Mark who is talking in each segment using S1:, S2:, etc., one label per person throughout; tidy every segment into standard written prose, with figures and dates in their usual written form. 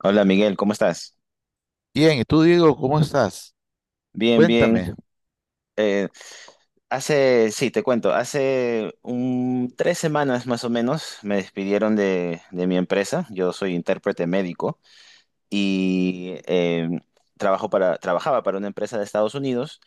S1: Hola Miguel, ¿cómo estás?
S2: Bien, ¿y tú, Diego, cómo estás?
S1: Bien, bien.
S2: Cuéntame.
S1: Eh, Hace, sí, te cuento, hace 3 semanas más o menos me despidieron de mi empresa. Yo soy intérprete médico y trabajo para, trabajaba para una empresa de Estados Unidos,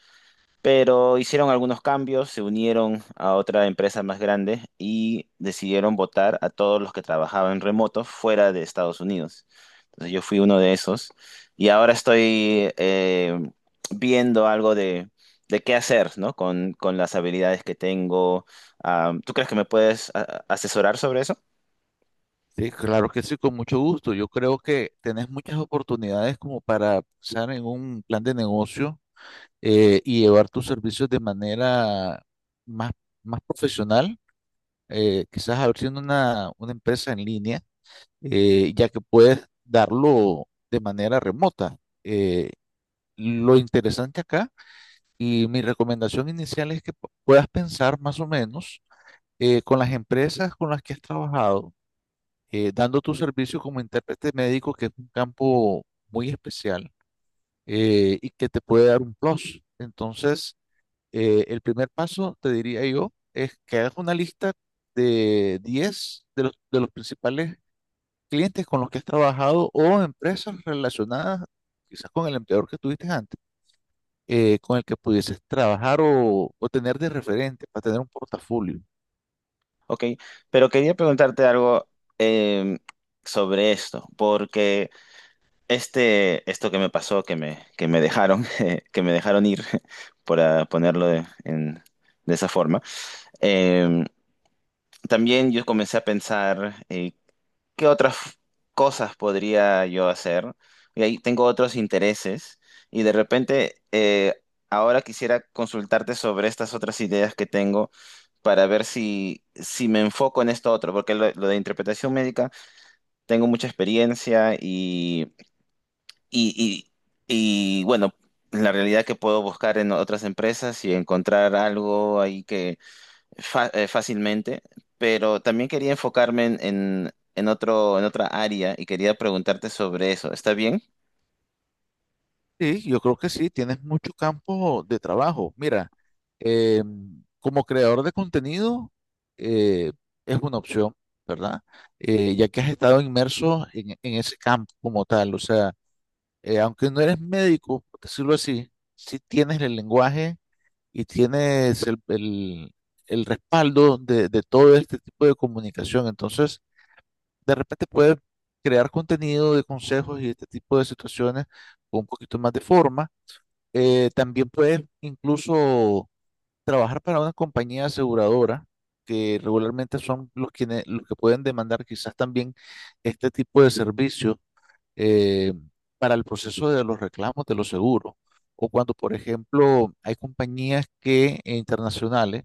S1: pero hicieron algunos cambios, se unieron a otra empresa más grande y decidieron votar a todos los que trabajaban remoto fuera de Estados Unidos. Entonces yo fui uno de esos y ahora estoy viendo algo de qué hacer, ¿no? Con las habilidades que tengo. Ah, ¿tú crees que me puedes asesorar sobre eso?
S2: Sí, claro que sí, con mucho gusto. Yo creo que tenés muchas oportunidades como para pensar en un plan de negocio y llevar tus servicios de manera más, más profesional, quizás abriendo una empresa en línea, ya que puedes darlo de manera remota. Eh, lo interesante acá y mi recomendación inicial es que puedas pensar más o menos con las empresas con las que has trabajado dando tu servicio como intérprete médico, que es un campo muy especial y que te puede dar un plus. Entonces, el primer paso, te diría yo, es que hagas una lista de 10 de los principales clientes con los que has trabajado o empresas relacionadas quizás con el empleador que tuviste antes, con el que pudieses trabajar o tener de referente para tener un portafolio.
S1: Ok, pero quería preguntarte algo, eh, sobre esto, porque... Este, esto que me pasó, que me dejaron, que me dejaron ir, para ponerlo de esa forma, eh, también yo comencé a pensar qué otras cosas podría yo hacer. Y ahí tengo otros intereses y de repente ahora quisiera consultarte sobre estas otras ideas que tengo para ver si, si me enfoco en esto otro, porque lo de interpretación médica tengo mucha experiencia y, y bueno, la realidad que puedo buscar en otras empresas y encontrar algo ahí que fácilmente, pero también quería enfocarme en otro, en otra área y quería preguntarte sobre eso. ¿Está bien?
S2: Sí, yo creo que sí, tienes mucho campo de trabajo. Mira, eh, como creador de contenido, eh, es una opción, ¿verdad? Ya que has estado inmerso en ese campo como tal, o sea, aunque no eres médico, por decirlo así, sí tienes el lenguaje y tienes el respaldo de todo este tipo de comunicación. Entonces, de repente puedes crear contenido de consejos y este tipo de situaciones con un poquito más de forma. También puedes incluso trabajar para una compañía aseguradora, que regularmente son los que pueden demandar quizás también este tipo de servicio eh, para el proceso de los reclamos de los seguros. O cuando, por ejemplo, hay compañías internacionales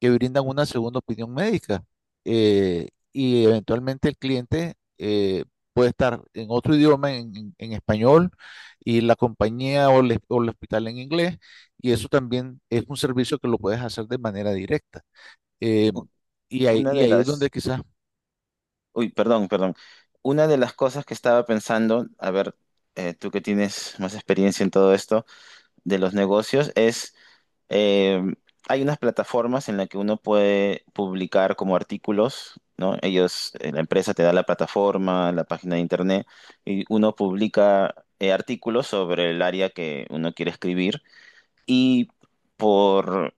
S2: que brindan una segunda opinión médica. Y eventualmente el cliente puede estar en otro idioma, en español, y la compañía o el hospital en inglés, y eso también es un servicio que lo puedes hacer de manera directa. Eh,
S1: U-
S2: y ahí,
S1: Una
S2: y
S1: de
S2: ahí es
S1: las,
S2: donde quizás,
S1: uy, perdón, perdón. Una de las cosas que estaba pensando, a ver, tú que tienes más experiencia en todo esto de los negocios, es, eh, hay unas plataformas en las que uno puede publicar como artículos, ¿no? Ellos, la empresa te da la plataforma, la página de internet, y uno publica artículos sobre el área que uno quiere escribir y por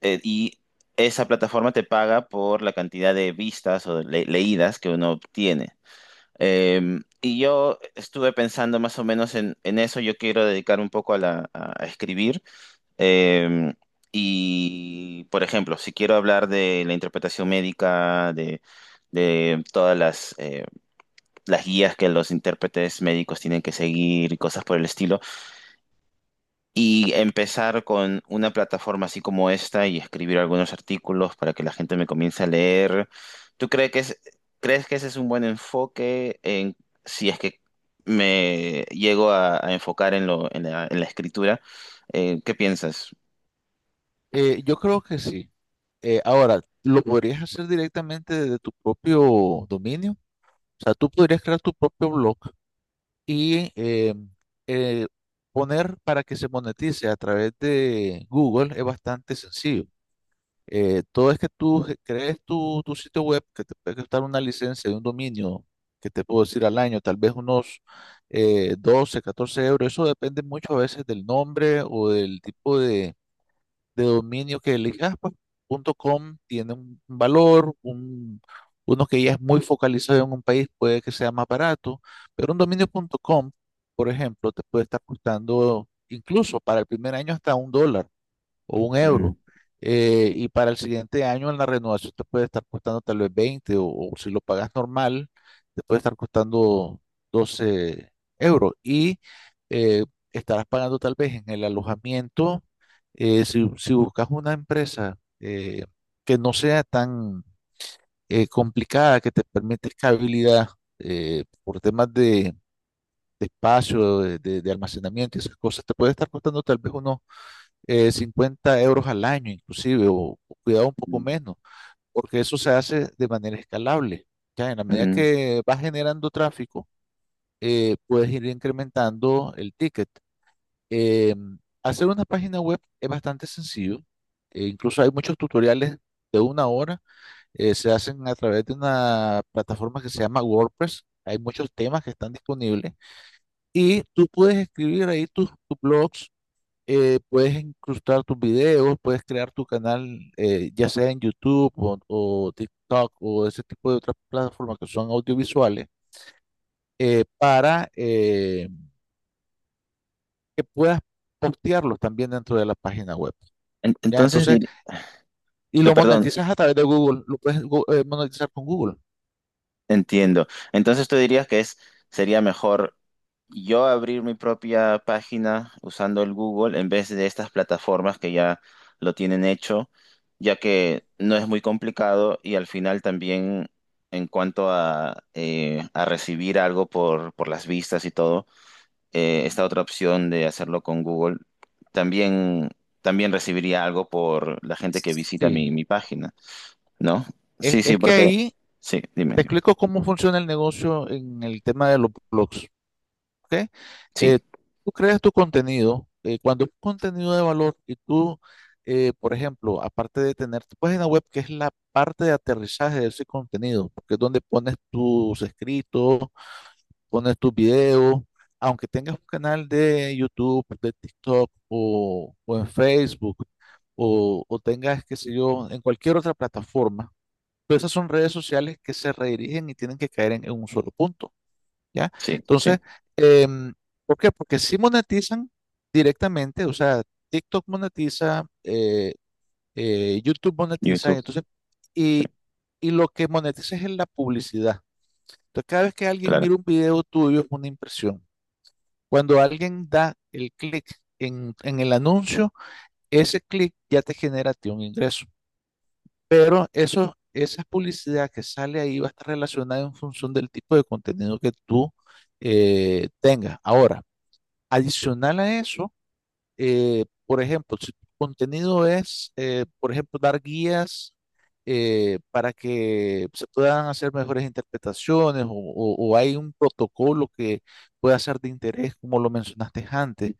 S1: y esa plataforma te paga por la cantidad de vistas o leídas que uno obtiene. Y yo estuve pensando más o menos en eso. Yo quiero dedicar un poco a a escribir. Eh, y, por ejemplo, si quiero hablar de la interpretación médica, de todas las guías que los intérpretes médicos tienen que seguir y cosas por el estilo, y empezar con una plataforma así como esta y escribir algunos artículos para que la gente me comience a leer, ¿tú crees que es, crees que ese es un buen enfoque en, si es que me llego a enfocar en lo, en la escritura? ¿Qué piensas?
S2: yo creo que sí. Ahora, ¿lo podrías hacer directamente desde tu propio dominio? O sea, tú podrías crear tu propio blog y eh, poner para que se monetice a través de Google es bastante sencillo. Todo es que tú crees tu sitio web, que te puede costar una licencia de un dominio, que te puedo decir al año, tal vez unos 12, 14 euros. Eso depende mucho a veces del nombre o del tipo de dominio que elijas, pues punto .com tiene un valor, uno que ya es muy focalizado en un país puede que sea más barato, pero un dominio punto .com, por ejemplo, te puede estar costando incluso para el primer año hasta 1 dólar o un
S1: Mm.
S2: euro. Y para el siguiente año en la renovación te puede estar costando tal vez 20 o si lo pagas normal, te puede estar costando 12 euros. Y eh, estarás pagando tal vez en el alojamiento, si buscas una empresa que no sea tan complicada, que te permite escalabilidad por temas de espacio, de almacenamiento y esas cosas, te puede estar costando tal vez unos 50 euros al año inclusive, o cuidado un poco menos, porque eso se hace de manera escalable. Ya en la medida
S1: Mm.
S2: que vas generando tráfico, puedes ir incrementando el ticket. Eh, hacer una página web es bastante sencillo, incluso hay muchos tutoriales de 1 hora, se hacen a través de una plataforma que se llama WordPress. Hay muchos temas que están disponibles y tú puedes escribir ahí tus blogs. Puedes incrustar tus videos, puedes crear tu canal, ya sea en YouTube o TikTok o ese tipo de otras plataformas que son audiovisuales, para que puedas postearlos también dentro de la página web.
S1: en-
S2: ¿Ya?
S1: Entonces,
S2: Entonces,
S1: dir-
S2: y
S1: eh,
S2: lo
S1: perdón,
S2: monetizas a través de Google, lo puedes monetizar con Google.
S1: entiendo. Entonces tú dirías que es, sería mejor yo abrir mi propia página usando el Google en vez de estas plataformas que ya lo tienen hecho, ya que no es muy complicado y al final también en cuanto a recibir algo por las vistas y todo, esta otra opción de hacerlo con Google también, también recibiría algo por la gente que visita mi,
S2: Sí,
S1: mi página. ¿No?
S2: es,
S1: Sí, sí,
S2: es que
S1: porque...
S2: ahí
S1: Sí, dime,
S2: te
S1: dime.
S2: explico cómo funciona el negocio en el tema de los blogs. ¿Ok?
S1: Sí,
S2: Eh, tú creas tu contenido, cuando es contenido de valor y tú, por ejemplo, aparte de tener tu página web, que es la parte de aterrizaje de ese contenido, porque es donde pones tus escritos, pones tus videos, aunque tengas un canal de YouTube, de TikTok o en Facebook, o tengas, qué sé yo, en cualquier otra plataforma, todas esas son redes sociales que se redirigen y tienen que caer en un solo punto. ¿Ya?
S1: sí, sí.
S2: Entonces, em, ¿por qué? Porque si monetizan directamente, o sea, TikTok monetiza, YouTube monetiza, y
S1: YouTube,
S2: entonces,
S1: sí,
S2: y, y lo que monetiza es en la publicidad. Entonces, cada vez que alguien
S1: claro,
S2: mira un video tuyo es una impresión. Cuando alguien da el clic en el anuncio, ese clic ya te genera a ti un ingreso. Pero eso, esa publicidad que sale ahí va a estar relacionada en función del tipo de contenido que tú tengas. Ahora, adicional a eso, por ejemplo, si tu contenido es, por ejemplo, dar guías para que se puedan hacer mejores interpretaciones o hay un protocolo que pueda ser de interés, como lo mencionaste antes.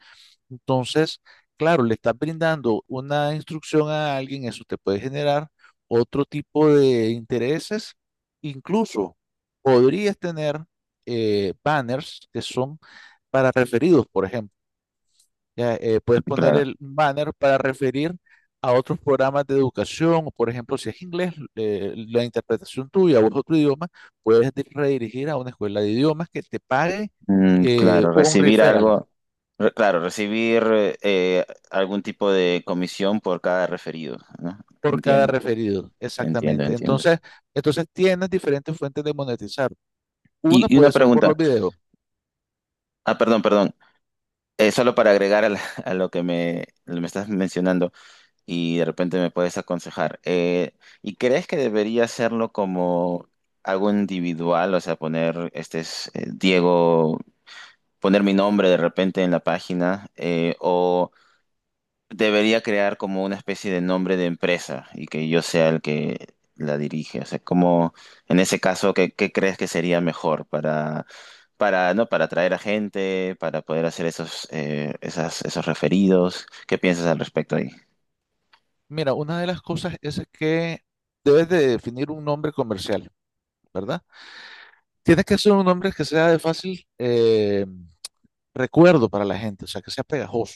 S2: Entonces, claro, le estás brindando una instrucción a alguien, eso te puede generar otro tipo de intereses. Incluso podrías tener banners que son para referidos, por ejemplo. Ya, puedes poner
S1: claro.
S2: el banner para referir a otros programas de educación, o por ejemplo, si es inglés, la interpretación tuya o es otro idioma, puedes redirigir a una escuela de idiomas que te pague
S1: Mm, claro,
S2: un
S1: recibir
S2: referral
S1: algo, claro, recibir, algún tipo de comisión por cada referido, ¿no?
S2: por cada
S1: Entiendo,
S2: referido,
S1: entiendo,
S2: exactamente.
S1: entiendo.
S2: Entonces, tienes diferentes fuentes de monetizar. Una
S1: Y una
S2: puede ser por los
S1: pregunta,
S2: videos.
S1: ah, perdón, perdón, solo para agregar a, a lo que me estás mencionando. Y de repente me puedes aconsejar. ¿Y crees que debería hacerlo como algo individual? O sea, poner, este es, Diego, poner mi nombre de repente en la página, o debería crear como una especie de nombre de empresa y que yo sea el que la dirige. O sea, como en ese caso, ¿qué, qué crees que sería mejor para... Para, ¿no?, para atraer a gente, para poder hacer esos, esas, esos referidos. ¿Qué piensas al respecto ahí?
S2: Mira, una de las cosas es que debes de definir un nombre comercial, ¿verdad? Tienes que ser un nombre que sea de fácil recuerdo para la gente, o sea, que sea pegajoso.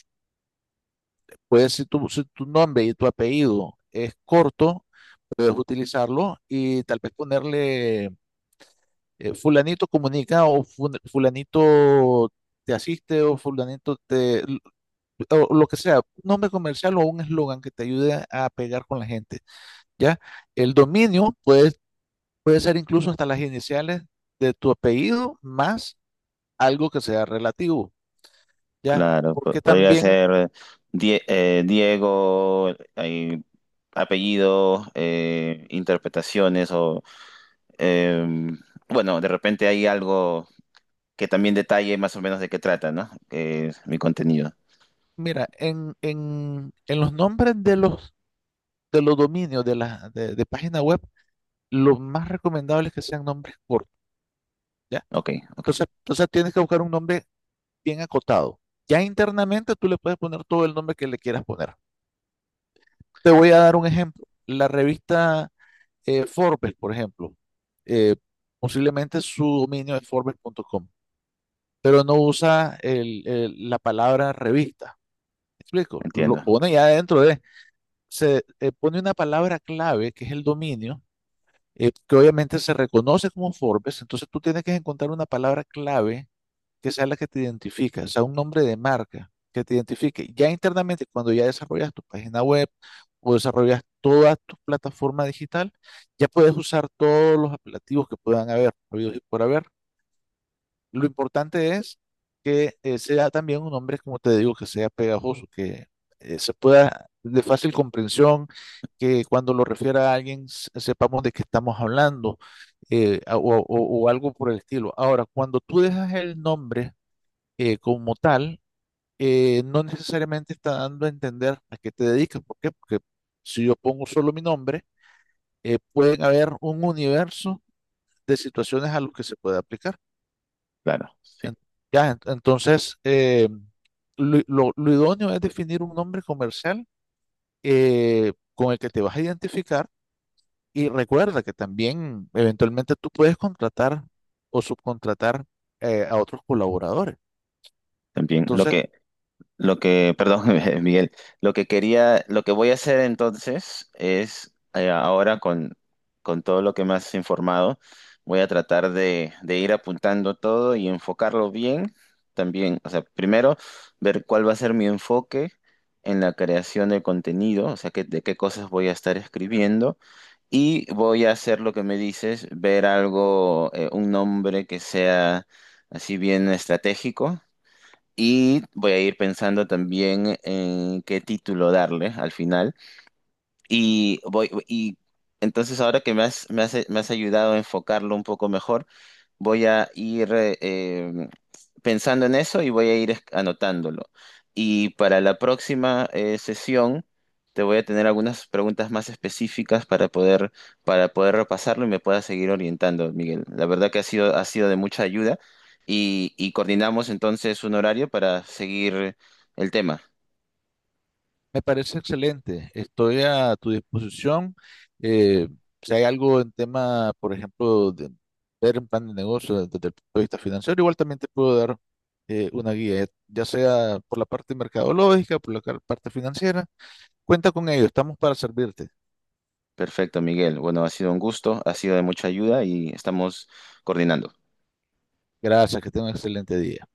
S2: Puedes, si tu nombre y tu apellido es corto, puedes utilizarlo y tal vez ponerle fulanito comunica o fulanito te asiste o fulanito te, o lo que sea, un nombre comercial o un eslogan que te ayude a pegar con la gente, ¿ya? El dominio puede ser incluso hasta las iniciales de tu apellido más algo que sea relativo, ¿ya?
S1: Claro,
S2: Porque
S1: podría
S2: también.
S1: ser Diego, hay apellidos, interpretaciones o, eh, bueno, de repente hay algo que también detalle más o menos de qué trata, ¿no? Que es mi contenido.
S2: Mira, en los nombres de los dominios de página web, lo más recomendable es que sean nombres cortos, ¿ya?
S1: Ok, ok,
S2: Entonces, tienes que buscar un nombre bien acotado. Ya internamente tú le puedes poner todo el nombre que le quieras poner. Te voy a dar un ejemplo. La revista Forbes, por ejemplo, eh, posiblemente su dominio es forbes.com, pero no usa la palabra revista. ¿Me explico? Lo
S1: entiendo.
S2: pone ya dentro de. Se pone una palabra clave que es el dominio, que obviamente se reconoce como Forbes, entonces tú tienes que encontrar una palabra clave que sea la que te identifica, o sea, un nombre de marca que te identifique. Ya internamente, cuando ya desarrollas tu página web o desarrollas toda tu plataforma digital, ya puedes usar todos los apelativos que puedan haber, habidos y por haber. Lo importante es que sea también un hombre, como te digo, que sea pegajoso, que se pueda de fácil comprensión, que cuando lo refiera a alguien sepamos de qué estamos hablando, eh, a- o, o- o algo por el estilo. Ahora, cuando tú dejas el nombre como tal, no necesariamente está dando a entender a qué te dedicas. ¿Por qué? Porque si yo pongo solo mi nombre, pueden haber un universo de situaciones a los que se puede aplicar.
S1: Claro, sí.
S2: En- ya, entonces, lo idóneo es definir un nombre comercial con el que te vas a identificar y recuerda que también eventualmente tú puedes contratar o subcontratar a otros colaboradores.
S1: También lo
S2: Entonces,
S1: que, lo que, perdón, Miguel, lo que quería, lo que voy a hacer entonces es, ahora con todo lo que me has informado, voy a tratar de ir apuntando todo y enfocarlo bien también. O sea, primero, ver cuál va a ser mi enfoque en la creación de contenido, o sea, de qué cosas voy a estar escribiendo. Y voy a hacer lo que me dices, ver algo, un nombre que sea así bien estratégico y voy a ir pensando también en qué título darle al final. Y voy, y entonces ahora que me has, me has, me has ayudado a enfocarlo un poco mejor. Voy a ir, pensando en eso y voy a ir anotándolo. Y para la próxima, sesión te voy a tener algunas preguntas más específicas para poder repasarlo y me puedas seguir orientando, Miguel. La verdad que ha sido de mucha ayuda y coordinamos entonces un horario para seguir el tema.
S2: me parece excelente. Estoy a tu disposición. Eh, si hay algo en tema, por ejemplo, de ver un plan de negocio desde el punto de vista financiero, igual también te puedo dar una guía, ya sea por la parte mercadológica, por la parte financiera. Cuenta con ello, estamos para servirte.
S1: Perfecto, Miguel. Bueno, ha sido un gusto, ha sido de mucha ayuda y estamos coordinando.
S2: Gracias, que tenga un excelente día.